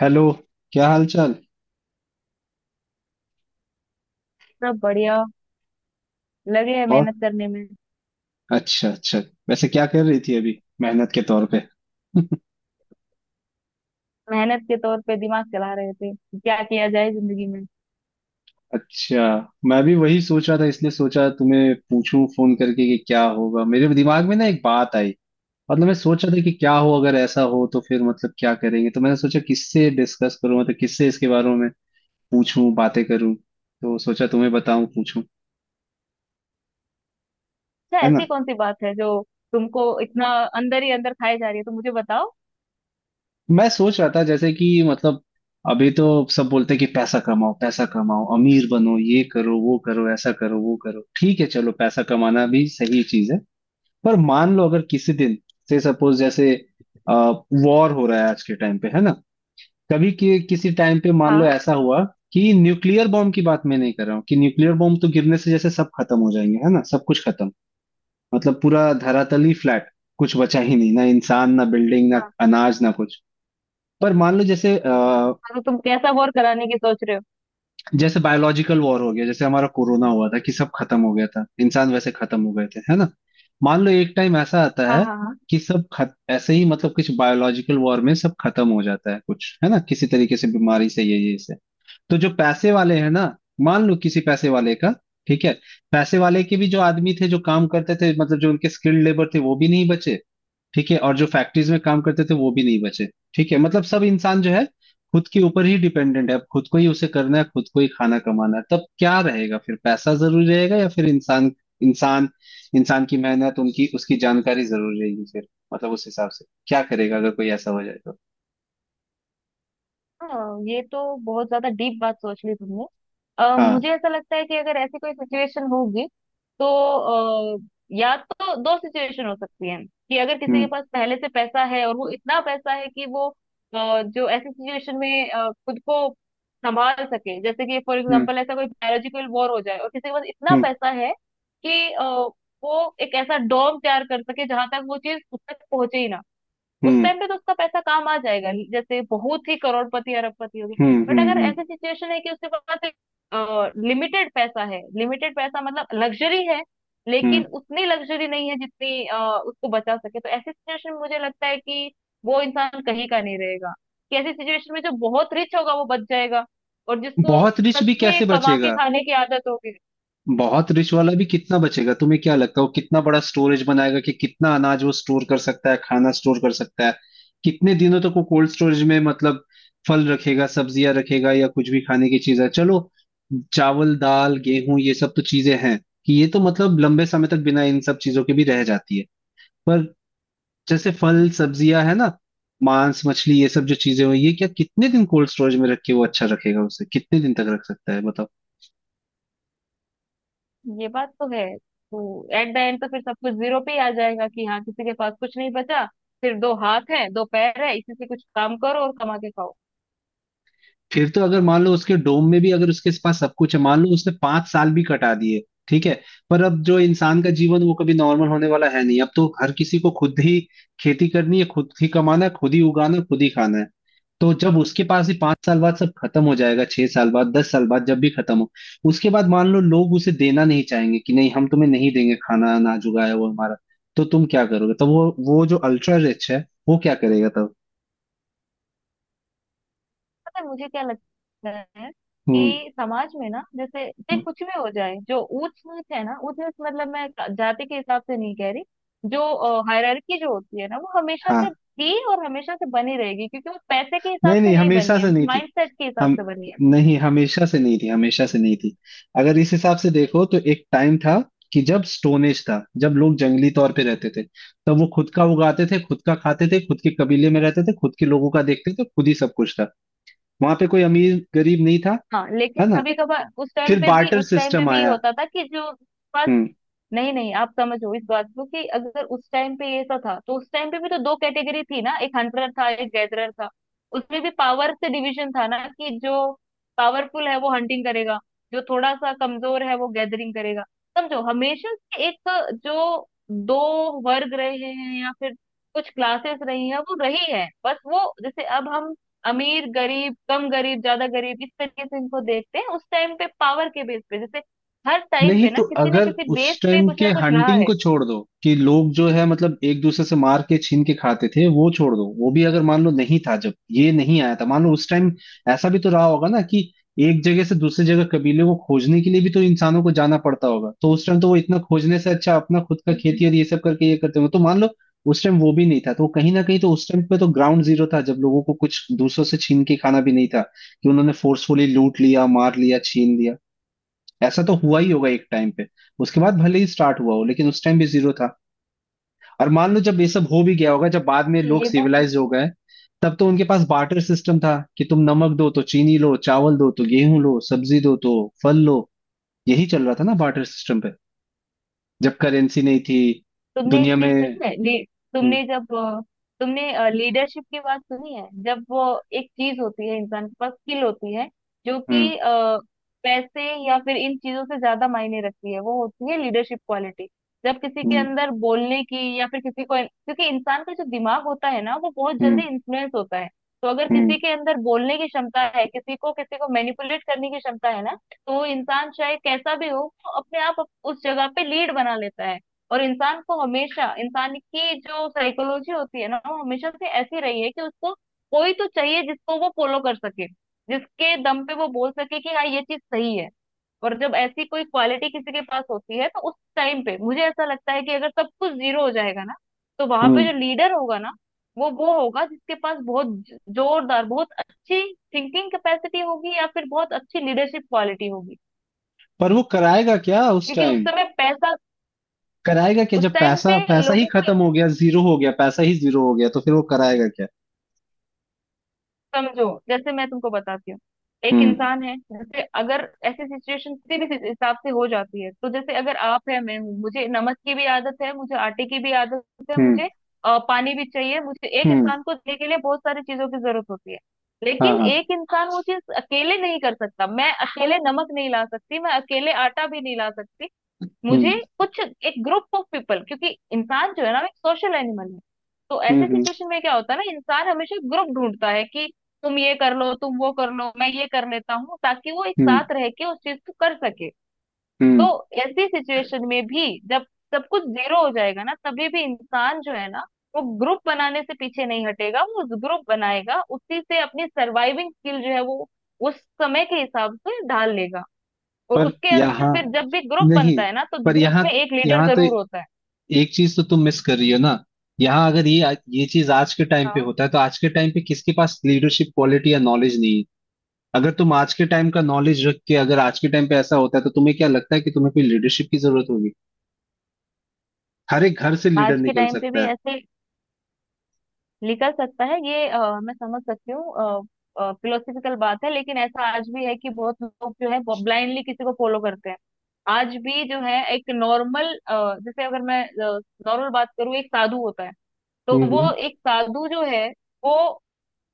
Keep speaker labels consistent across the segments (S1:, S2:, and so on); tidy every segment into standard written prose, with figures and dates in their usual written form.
S1: Hello. क्या हाल चाल।
S2: सब बढ़िया। लगे हैं
S1: और।
S2: मेहनत करने में।
S1: अच्छा अच्छा। वैसे क्या कर रही थी अभी, मेहनत के तौर पे?
S2: मेहनत के तौर पे दिमाग चला रहे थे कि क्या किया जाए जिंदगी में।
S1: अच्छा। मैं भी वही सोच रहा था, इसलिए सोचा तुम्हें पूछूं फोन करके कि क्या होगा। मेरे दिमाग में ना एक बात आई। मतलब मैं सोच रहा था कि क्या हो, अगर ऐसा हो तो फिर मतलब क्या करेंगे। तो मैंने सोचा किससे डिस्कस करूं, मतलब किससे इसके बारे में पूछूं बातें करूं, तो सोचा तुम्हें बताऊं पूछूं।
S2: अच्छा,
S1: है।
S2: ऐसी कौन सी बात है जो तुमको इतना अंदर ही अंदर खाए जा रही है तो मुझे बताओ।
S1: मैं सोच रहा था जैसे कि मतलब, अभी तो सब बोलते हैं कि पैसा कमाओ पैसा कमाओ, अमीर बनो, ये करो वो करो, ऐसा करो वो करो। ठीक है, चलो पैसा कमाना भी सही चीज है। पर मान लो अगर किसी दिन से, सपोज जैसे वॉर हो रहा है आज के टाइम पे, है ना। कभी किसी टाइम पे मान लो
S2: हाँ,
S1: ऐसा हुआ कि, न्यूक्लियर बॉम्ब की बात मैं नहीं कर रहा हूँ कि न्यूक्लियर बॉम्ब तो गिरने से जैसे सब खत्म हो जाएंगे, है ना। सब कुछ खत्म, मतलब पूरा धरातल ही फ्लैट। कुछ बचा ही नहीं, ना इंसान, ना बिल्डिंग, ना
S2: हाँ,
S1: अनाज, ना कुछ। पर मान लो जैसे
S2: मतलब तुम कैसा बोर कराने की सोच रहे हो।
S1: जैसे बायोलॉजिकल वॉर हो गया, जैसे हमारा कोरोना हुआ था कि सब खत्म हो गया था, इंसान वैसे खत्म हो गए थे, है ना। मान लो एक टाइम ऐसा आता
S2: हाँ,
S1: है
S2: हाँ,
S1: कि सब खत, ऐसे ही मतलब कुछ बायोलॉजिकल वॉर में सब खत्म हो जाता है, कुछ है ना किसी तरीके से, बीमारी से, ये से। तो जो पैसे वाले हैं ना, मान लो किसी पैसे वाले का, ठीक है, पैसे वाले के भी जो आदमी थे जो काम करते थे, मतलब जो उनके स्किल्ड लेबर थे, वो भी नहीं बचे। ठीक है, और जो फैक्ट्रीज में काम करते थे वो भी नहीं बचे। ठीक है, मतलब सब इंसान जो है, खुद के ऊपर ही डिपेंडेंट है। अब खुद को ही उसे करना है, खुद को ही खाना कमाना है। तब क्या रहेगा फिर? पैसा जरूरी रहेगा या फिर इंसान? इंसान इंसान की मेहनत, उनकी उसकी जानकारी जरूर रहेगी फिर। मतलब उस हिसाब से क्या करेगा अगर कोई ऐसा हो जाए तो।
S2: हाँ, ये तो बहुत ज्यादा डीप बात सोच ली तुमने।
S1: हाँ।
S2: मुझे ऐसा लगता है कि अगर ऐसी कोई सिचुएशन होगी तो अ, या तो दो सिचुएशन हो सकती है, कि अगर किसी के
S1: हम्म।
S2: पास पहले से पैसा है, और वो इतना पैसा है कि वो जो ऐसी सिचुएशन में खुद को संभाल सके। जैसे कि फॉर
S1: हम्म।
S2: एग्जांपल ऐसा कोई बायोलॉजिकल वॉर हो जाए, और किसी के पास इतना
S1: हम्म।
S2: पैसा है कि वो एक ऐसा डोम तैयार कर सके जहां तक वो चीज खुद तक पहुंचे ही ना। उस
S1: हम्म।
S2: टाइम पे तो उसका पैसा काम आ जाएगा, जैसे बहुत ही करोड़पति अरबपति हो गए।
S1: हम्म।
S2: बट
S1: हम्म।
S2: अगर
S1: हम्म।
S2: ऐसी सिचुएशन है कि उसके पास लिमिटेड पैसा है। लिमिटेड पैसा मतलब लग्जरी है,
S1: हम्म।
S2: लेकिन उतनी लग्जरी नहीं है जितनी उसको बचा सके, तो ऐसी सिचुएशन में मुझे लगता है कि वो इंसान कहीं का नहीं रहेगा। कि ऐसी सिचुएशन में जो बहुत रिच होगा वो बच जाएगा, और जिसको
S1: बहुत रिच
S2: सच
S1: भी
S2: में
S1: कैसे
S2: कमा के
S1: बचेगा?
S2: खाने की आदत होगी।
S1: बहुत रिच वाला भी कितना बचेगा? तुम्हें क्या लगता है वो कितना बड़ा स्टोरेज बनाएगा, कि कितना अनाज वो स्टोर कर सकता है, खाना स्टोर कर सकता है कितने दिनों तक? वो कोल्ड स्टोरेज में मतलब फल रखेगा, सब्जियां रखेगा, या कुछ भी खाने की चीज है, चलो। चावल दाल गेहूं ये सब तो चीजें हैं कि ये तो मतलब लंबे समय तक बिना इन सब चीजों के भी रह जाती है। पर जैसे फल सब्जियां है ना, मांस मछली, ये सब जो चीजें हुई, ये क्या कितने दिन कोल्ड स्टोरेज में रख के वो अच्छा रखेगा? उसे कितने दिन तक रख सकता है बताओ।
S2: ये बात तो है। तो एट द एंड तो फिर सब कुछ जीरो पे ही आ जाएगा, कि हाँ, किसी के पास कुछ नहीं बचा। सिर्फ दो हाथ है, दो पैर है, इसी से कुछ काम करो और कमा के खाओ।
S1: फिर तो अगर मान लो उसके डोम में भी, अगर उसके पास सब कुछ है, मान लो उसने 5 साल भी कटा दिए। ठीक है, पर अब जो इंसान का जीवन वो कभी नॉर्मल होने वाला है नहीं। अब तो हर किसी को खुद ही खेती करनी है, खुद ही कमाना है, खुद ही उगाना है, खुद ही खाना है। तो जब उसके पास ही 5 साल बाद सब खत्म हो जाएगा, 6 साल बाद, 10 साल बाद, जब भी खत्म हो, उसके बाद मान लो लोग उसे देना नहीं चाहेंगे कि नहीं, हम तुम्हें नहीं देंगे खाना, अनाज उगाया वो हमारा। तो तुम क्या करोगे तब? वो जो अल्ट्रा रिच है, वो क्या करेगा तब?
S2: पता है मुझे क्या लगता है,
S1: हम्म।
S2: कि समाज में ना, जैसे चाहे
S1: हम्म।
S2: कुछ भी हो जाए, जो ऊंच नीच है ना, ऊंच नीच मतलब मैं जाति के हिसाब से नहीं कह रही। जो हायरार्की जो होती है ना, वो हमेशा
S1: हाँ।
S2: से थी और हमेशा से बनी रहेगी, क्योंकि वो पैसे के हिसाब
S1: नहीं
S2: से
S1: नहीं,
S2: नहीं
S1: हमेशा
S2: बनी है,
S1: से नहीं
S2: वो
S1: थी।
S2: माइंडसेट के हिसाब
S1: हम।
S2: से बनी है।
S1: नहीं, हमेशा से नहीं थी, हमेशा से नहीं थी। अगर इस हिसाब से देखो तो एक टाइम था कि जब स्टोनेज था, जब लोग जंगली तौर पे रहते थे, तब वो खुद का उगाते थे, खुद का खाते थे, खुद के कबीले में रहते थे, खुद के लोगों का देखते थे, खुद ही सब कुछ था। वहां पे कोई अमीर गरीब नहीं था,
S2: हाँ, लेकिन
S1: है ना।
S2: कभी कभार उस टाइम
S1: फिर
S2: पे भी,
S1: बार्टर
S2: उस टाइम पे
S1: सिस्टम
S2: भी ये
S1: आया।
S2: होता था कि जो,
S1: हम्म।
S2: नहीं, नहीं, आप समझो इस बात को। कि अगर उस टाइम पे ये ऐसा था, तो उस टाइम पे भी तो दो कैटेगरी थी ना, एक हंटर था एक गैदरर था। उसमें भी पावर से डिवीजन था ना, कि जो पावरफुल है वो हंटिंग करेगा, जो थोड़ा सा कमजोर है वो गैदरिंग करेगा। समझो हमेशा से एक, जो दो वर्ग रहे हैं या फिर कुछ क्लासेस रही हैं, वो रही है। बस वो जैसे अब हम अमीर गरीब, कम गरीब, ज्यादा गरीब, इस तरीके से इनको देखते हैं, उस टाइम पे पावर के बेस पे। जैसे हर टाइम
S1: नहीं,
S2: पे ना
S1: तो
S2: किसी न
S1: अगर
S2: किसी
S1: उस
S2: बेस पे
S1: टाइम
S2: कुछ
S1: के
S2: ना कुछ रहा
S1: हंटिंग
S2: है।
S1: को छोड़ दो कि लोग जो है मतलब एक दूसरे से मार के छीन के खाते थे, वो छोड़ दो, वो भी अगर मान लो नहीं था जब ये नहीं आया था, मान लो उस टाइम ऐसा भी तो रहा होगा ना कि एक जगह से दूसरी जगह कबीले को खोजने के लिए भी तो इंसानों को जाना पड़ता होगा। तो उस टाइम तो वो इतना खोजने से अच्छा अपना खुद का
S2: हम्म।
S1: खेती और ये सब करके ये करते हो, तो मान लो उस टाइम वो भी नहीं था तो कहीं ना कहीं तो उस टाइम पे तो ग्राउंड जीरो था, जब लोगों को कुछ दूसरों से छीन के खाना भी नहीं था कि उन्होंने फोर्सफुली लूट लिया, मार लिया, छीन लिया। ऐसा तो हुआ ही होगा एक टाइम पे। उसके बाद भले ही स्टार्ट हुआ हो, लेकिन उस टाइम भी जीरो था। और मान लो जब ये सब हो भी गया होगा, जब बाद में
S2: हाँ,
S1: लोग
S2: ये बात,
S1: सिविलाइज हो गए, तब तो उनके पास बार्टर सिस्टम था कि तुम नमक दो तो चीनी लो, चावल दो तो गेहूं लो, सब्जी दो तो फल लो। यही चल रहा था ना बार्टर सिस्टम पे, जब करेंसी नहीं थी
S2: तुमने एक
S1: दुनिया
S2: चीज
S1: में।
S2: सुनी है ली,
S1: हम्म।
S2: तुमने जब अ, तुमने लीडरशिप की बात सुनी है, जब वो एक चीज होती है, इंसान के पास स्किल होती है जो
S1: हम्म।
S2: कि पैसे या फिर इन चीजों से ज्यादा मायने रखती है, वो होती है लीडरशिप क्वालिटी। जब किसी के
S1: हम्म।
S2: अंदर बोलने की, या फिर किसी को, क्योंकि इंसान का जो दिमाग होता है ना, वो बहुत
S1: हम्म।
S2: जल्दी इन्फ्लुएंस होता है। तो अगर
S1: हम्म।
S2: किसी के अंदर बोलने की क्षमता है, किसी को मैनिपुलेट करने की क्षमता है ना, तो वो इंसान चाहे कैसा भी हो, वो अपने आप उस जगह पे लीड बना लेता है। और इंसान को हमेशा, इंसान की जो साइकोलॉजी होती है ना, वो हमेशा से ऐसी रही है कि उसको कोई तो चाहिए जिसको वो फॉलो कर सके, जिसके दम पे वो बोल सके कि हाँ, ये चीज सही है। और जब ऐसी कोई क्वालिटी किसी के पास होती है, तो उस टाइम पे मुझे ऐसा लगता है, कि अगर सब कुछ जीरो हो जाएगा ना, तो वहां पे
S1: हम्म।
S2: जो लीडर होगा ना, वो होगा जिसके पास बहुत जोरदार, बहुत अच्छी थिंकिंग कैपेसिटी होगी, या फिर बहुत अच्छी लीडरशिप क्वालिटी होगी।
S1: पर वो कराएगा क्या उस
S2: क्योंकि उस
S1: टाइम?
S2: समय पैसा,
S1: कराएगा क्या जब
S2: उस टाइम
S1: पैसा,
S2: पे
S1: पैसा ही
S2: लोगों को,
S1: खत्म हो गया, जीरो हो गया, पैसा ही जीरो हो गया तो फिर वो कराएगा क्या?
S2: समझो जैसे मैं तुमको बताती हूँ। एक
S1: हम्म।
S2: इंसान है, जैसे अगर ऐसी सिचुएशन किसी भी हिसाब से हो जाती है, तो जैसे अगर आप है, मैं हूँ, मुझे नमक की भी आदत है, मुझे आटे की भी आदत है,
S1: हम्म।
S2: मुझे पानी भी चाहिए। मुझे एक
S1: हम्म।
S2: इंसान को देने के लिए बहुत सारी चीजों की जरूरत होती है।
S1: हाँ
S2: लेकिन
S1: हाँ।
S2: एक इंसान वो चीज अकेले नहीं कर सकता। मैं अकेले नमक नहीं ला सकती, मैं अकेले आटा भी नहीं ला सकती। मुझे
S1: हम्म।
S2: कुछ एक ग्रुप ऑफ पीपल, क्योंकि इंसान जो है ना, वो एक सोशल एनिमल है। तो
S1: हम्म।
S2: ऐसे
S1: हम्म।
S2: सिचुएशन में क्या होता है ना, इंसान हमेशा ग्रुप ढूंढता है, कि तुम ये कर लो, तुम वो कर लो, मैं ये कर लेता हूँ, ताकि वो एक
S1: हम्म।
S2: साथ रह के उस चीज को कर सके।
S1: हम्म।
S2: तो ऐसी सिचुएशन में भी जब सब कुछ जीरो हो जाएगा ना, तभी भी इंसान जो है ना, वो ग्रुप बनाने से पीछे नहीं हटेगा। वो ग्रुप बनाएगा, उसी से अपनी सर्वाइविंग स्किल जो है, वो उस समय के हिसाब से ढाल लेगा। और
S1: पर
S2: उसके अंदर
S1: यहाँ,
S2: फिर जब भी ग्रुप
S1: नहीं,
S2: बनता है ना, तो
S1: पर
S2: ग्रुप
S1: यहाँ
S2: में एक लीडर
S1: यहाँ तो
S2: जरूर होता है।
S1: एक चीज तो तुम मिस कर रही हो ना। यहाँ अगर ये चीज आज के टाइम पे
S2: हाँ,
S1: होता है, तो आज के टाइम पे किसके पास लीडरशिप क्वालिटी या नॉलेज नहीं है? अगर तुम आज के टाइम का नॉलेज रख के, अगर आज के टाइम पे ऐसा होता है, तो तुम्हें क्या लगता है कि तुम्हें कोई लीडरशिप की जरूरत होगी? हर एक घर से लीडर
S2: आज के
S1: निकल
S2: टाइम पे
S1: सकता
S2: भी
S1: है।
S2: ऐसे निकल सकता है, ये मैं समझ सकती हूँ। फिलोसफिकल बात है, लेकिन ऐसा आज भी है कि बहुत लोग जो है, ब्लाइंडली किसी को फॉलो करते हैं। आज भी जो है एक नॉर्मल, जैसे अगर मैं नॉर्मल बात करूँ, एक साधु होता है, तो
S1: हम्म।
S2: वो
S1: हम्म।
S2: एक साधु जो है वो,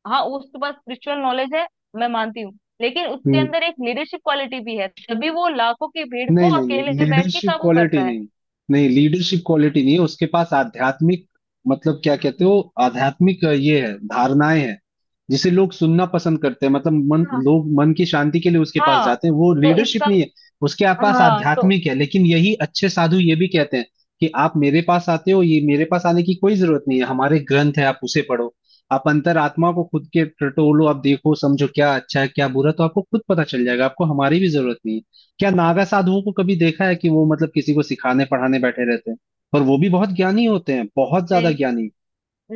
S2: हाँ, उसके पास स्पिरिचुअल नॉलेज है, मैं मानती हूँ, लेकिन उसके
S1: हम्म।
S2: अंदर एक लीडरशिप क्वालिटी भी है, तभी वो लाखों की भीड़
S1: नहीं
S2: को
S1: नहीं
S2: अकेले
S1: नहीं,
S2: बैठ के
S1: लीडरशिप
S2: काबू
S1: क्वालिटी
S2: करता है।
S1: नहीं। नहीं, लीडरशिप क्वालिटी नहीं है उसके पास, आध्यात्मिक, मतलब क्या कहते हो, आध्यात्मिक ये है, धारणाएं हैं जिसे लोग सुनना पसंद करते हैं, मतलब मन,
S2: हाँ,
S1: लोग मन की शांति के लिए उसके पास
S2: हाँ,
S1: जाते हैं, वो
S2: तो
S1: लीडरशिप
S2: इसका,
S1: नहीं है। उसके आप पास
S2: हाँ, तो
S1: आध्यात्मिक है, लेकिन यही अच्छे साधु ये भी कहते हैं कि आप मेरे पास आते हो, ये मेरे पास आने की कोई जरूरत नहीं है, हमारे ग्रंथ है आप उसे पढ़ो। आप अंतरात्मा को खुद के टटोलो, आप देखो समझो क्या अच्छा है क्या बुरा, तो आपको खुद पता चल जाएगा। आपको हमारी भी जरूरत नहीं है। क्या नागा साधुओं को कभी देखा है कि वो मतलब किसी को सिखाने पढ़ाने बैठे रहते हैं? और वो भी बहुत ज्ञानी होते हैं, बहुत ज्यादा ज्ञानी।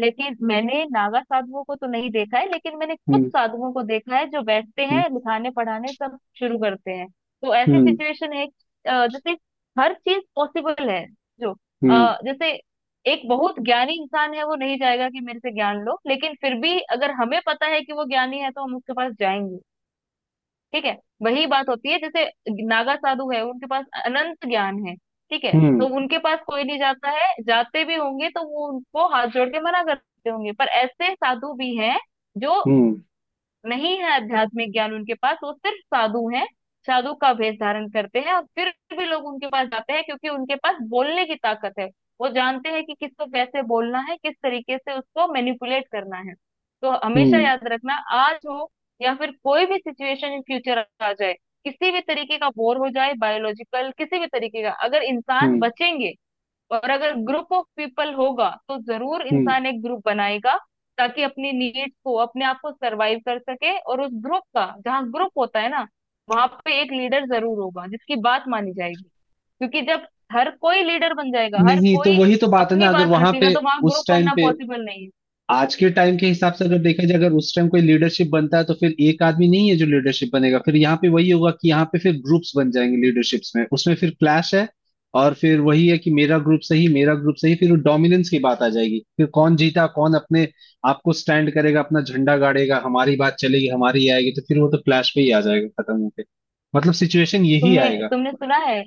S2: लेकिन मैंने नागा साधुओं को तो नहीं देखा है, लेकिन मैंने कुछ
S1: हम्म।
S2: साधुओं को देखा है जो बैठते हैं लिखाने पढ़ाने सब शुरू करते हैं। तो ऐसी
S1: हम्म।
S2: सिचुएशन है जैसे हर चीज पॉसिबल है। जो
S1: हम्म।
S2: जैसे एक बहुत ज्ञानी इंसान है, वो नहीं जाएगा कि मेरे से ज्ञान लो, लेकिन फिर भी अगर हमें पता है कि वो ज्ञानी है, तो हम उसके पास जाएंगे। ठीक है। वही बात होती है, जैसे नागा साधु है, उनके पास अनंत ज्ञान है। ठीक है,
S1: हम्म। हम्म।
S2: तो उनके पास कोई नहीं जाता है, जाते भी होंगे तो वो उनको हाथ जोड़ के मना करते होंगे। पर ऐसे साधु भी हैं जो
S1: हम्म।
S2: नहीं है, आध्यात्मिक ज्ञान उनके पास, वो सिर्फ साधु हैं। साधु का वेश धारण करते हैं, और फिर भी लोग उनके पास जाते हैं क्योंकि उनके पास बोलने की ताकत है। वो जानते हैं कि किसको कैसे बोलना है, किस तरीके से उसको मैनिपुलेट करना है। तो हमेशा
S1: हम्म।
S2: याद रखना, आज हो या फिर कोई भी सिचुएशन इन फ्यूचर आ जाए, किसी भी तरीके का बोर हो जाए, बायोलॉजिकल, किसी भी तरीके का, अगर इंसान
S1: हम्म।
S2: बचेंगे, और अगर ग्रुप ऑफ पीपल होगा, तो जरूर
S1: हम्म।
S2: इंसान एक ग्रुप बनाएगा, ताकि अपनी नीड्स को, अपने आप को सरवाइव कर सके। और उस ग्रुप का, जहाँ ग्रुप होता है ना, वहां पे एक लीडर जरूर होगा जिसकी बात मानी जाएगी। क्योंकि जब हर कोई लीडर बन जाएगा, हर
S1: नहीं, तो
S2: कोई
S1: वही तो बात है ना,
S2: अपनी
S1: अगर
S2: बात
S1: वहां
S2: रखेगा,
S1: पे
S2: तो वहां
S1: उस
S2: ग्रुप
S1: टाइम
S2: बनना
S1: पे,
S2: पॉसिबल नहीं है।
S1: आज के टाइम के हिसाब से अगर देखा जाए, अगर उस टाइम कोई लीडरशिप बनता है तो फिर एक आदमी नहीं है जो लीडरशिप बनेगा, फिर यहाँ पे वही होगा कि यहाँ पे फिर ग्रुप्स बन जाएंगे लीडरशिप्स में, उसमें फिर क्लैश है। और फिर वही है कि मेरा ग्रुप सही, मेरा ग्रुप सही, फिर डोमिनेंस की बात आ जाएगी, फिर कौन जीता, कौन अपने आप को स्टैंड करेगा, अपना झंडा गाड़ेगा, हमारी बात चलेगी, हमारी आएगी, तो फिर वो तो क्लैश पे ही आ जाएगा खत्म होके। मतलब सिचुएशन यही
S2: तुमने
S1: आएगा।
S2: तुमने सुना है?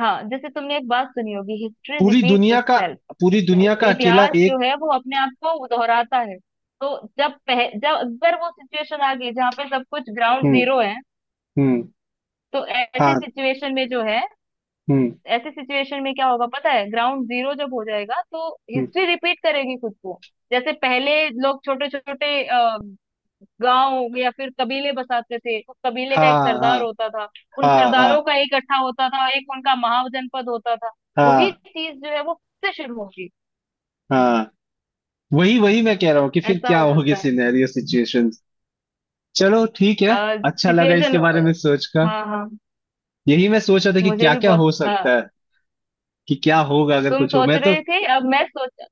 S2: हाँ, जैसे तुमने एक बात सुनी होगी, हिस्ट्री
S1: पूरी
S2: रिपीट्स
S1: दुनिया का,
S2: इटसेल्फ।
S1: पूरी दुनिया का अकेला
S2: इतिहास जो
S1: एक।
S2: है वो अपने आप को दोहराता है। तो जब जब अगर वो सिचुएशन आ गई जहाँ पे सब कुछ ग्राउंड
S1: हम्म।
S2: जीरो है,
S1: हम्म।
S2: तो ऐसी
S1: हाँ।
S2: सिचुएशन में जो है,
S1: हम्म।
S2: ऐसी सिचुएशन में क्या होगा पता है, ग्राउंड जीरो जब हो जाएगा, तो
S1: हम्म।
S2: हिस्ट्री रिपीट करेगी खुद को। जैसे पहले लोग छोटे छोटे गांव या फिर कबीले बसाते थे, उस कबीले का एक
S1: हाँ हाँ
S2: सरदार होता था। उन
S1: हाँ हाँ
S2: सरदारों का एक इकट्ठा होता था, एक उनका महाजनपद होता था। वही
S1: हाँ
S2: चीज जो है वो फिर से शुरू होगी।
S1: हाँ। वही वही मैं कह रहा हूँ कि फिर
S2: ऐसा
S1: क्या
S2: हो
S1: होगी
S2: सकता है
S1: सिनेरियो सिचुएशन। चलो ठीक है। अच्छा लगा इसके
S2: सिचुएशन।
S1: बारे में सोच कर।
S2: हाँ, हाँ,
S1: यही मैं सोच रहा था कि
S2: मुझे
S1: क्या
S2: भी
S1: क्या
S2: बहुत
S1: हो सकता है, कि क्या होगा अगर
S2: तुम
S1: कुछ हो।
S2: सोच
S1: मैं तो,
S2: रहे थे, अब मैं सोच,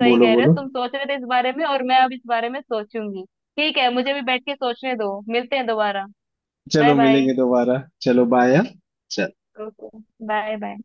S2: सही
S1: बोलो
S2: कह रहे हो,
S1: बोलो।
S2: तुम सोच रहे थे इस बारे में, और मैं अब इस बारे में सोचूंगी। ठीक है, मुझे भी बैठ के सोचने दो, मिलते हैं दोबारा। बाय
S1: चलो
S2: बाय।
S1: मिलेंगे दोबारा, चलो बाय।
S2: ओके। Bye bye.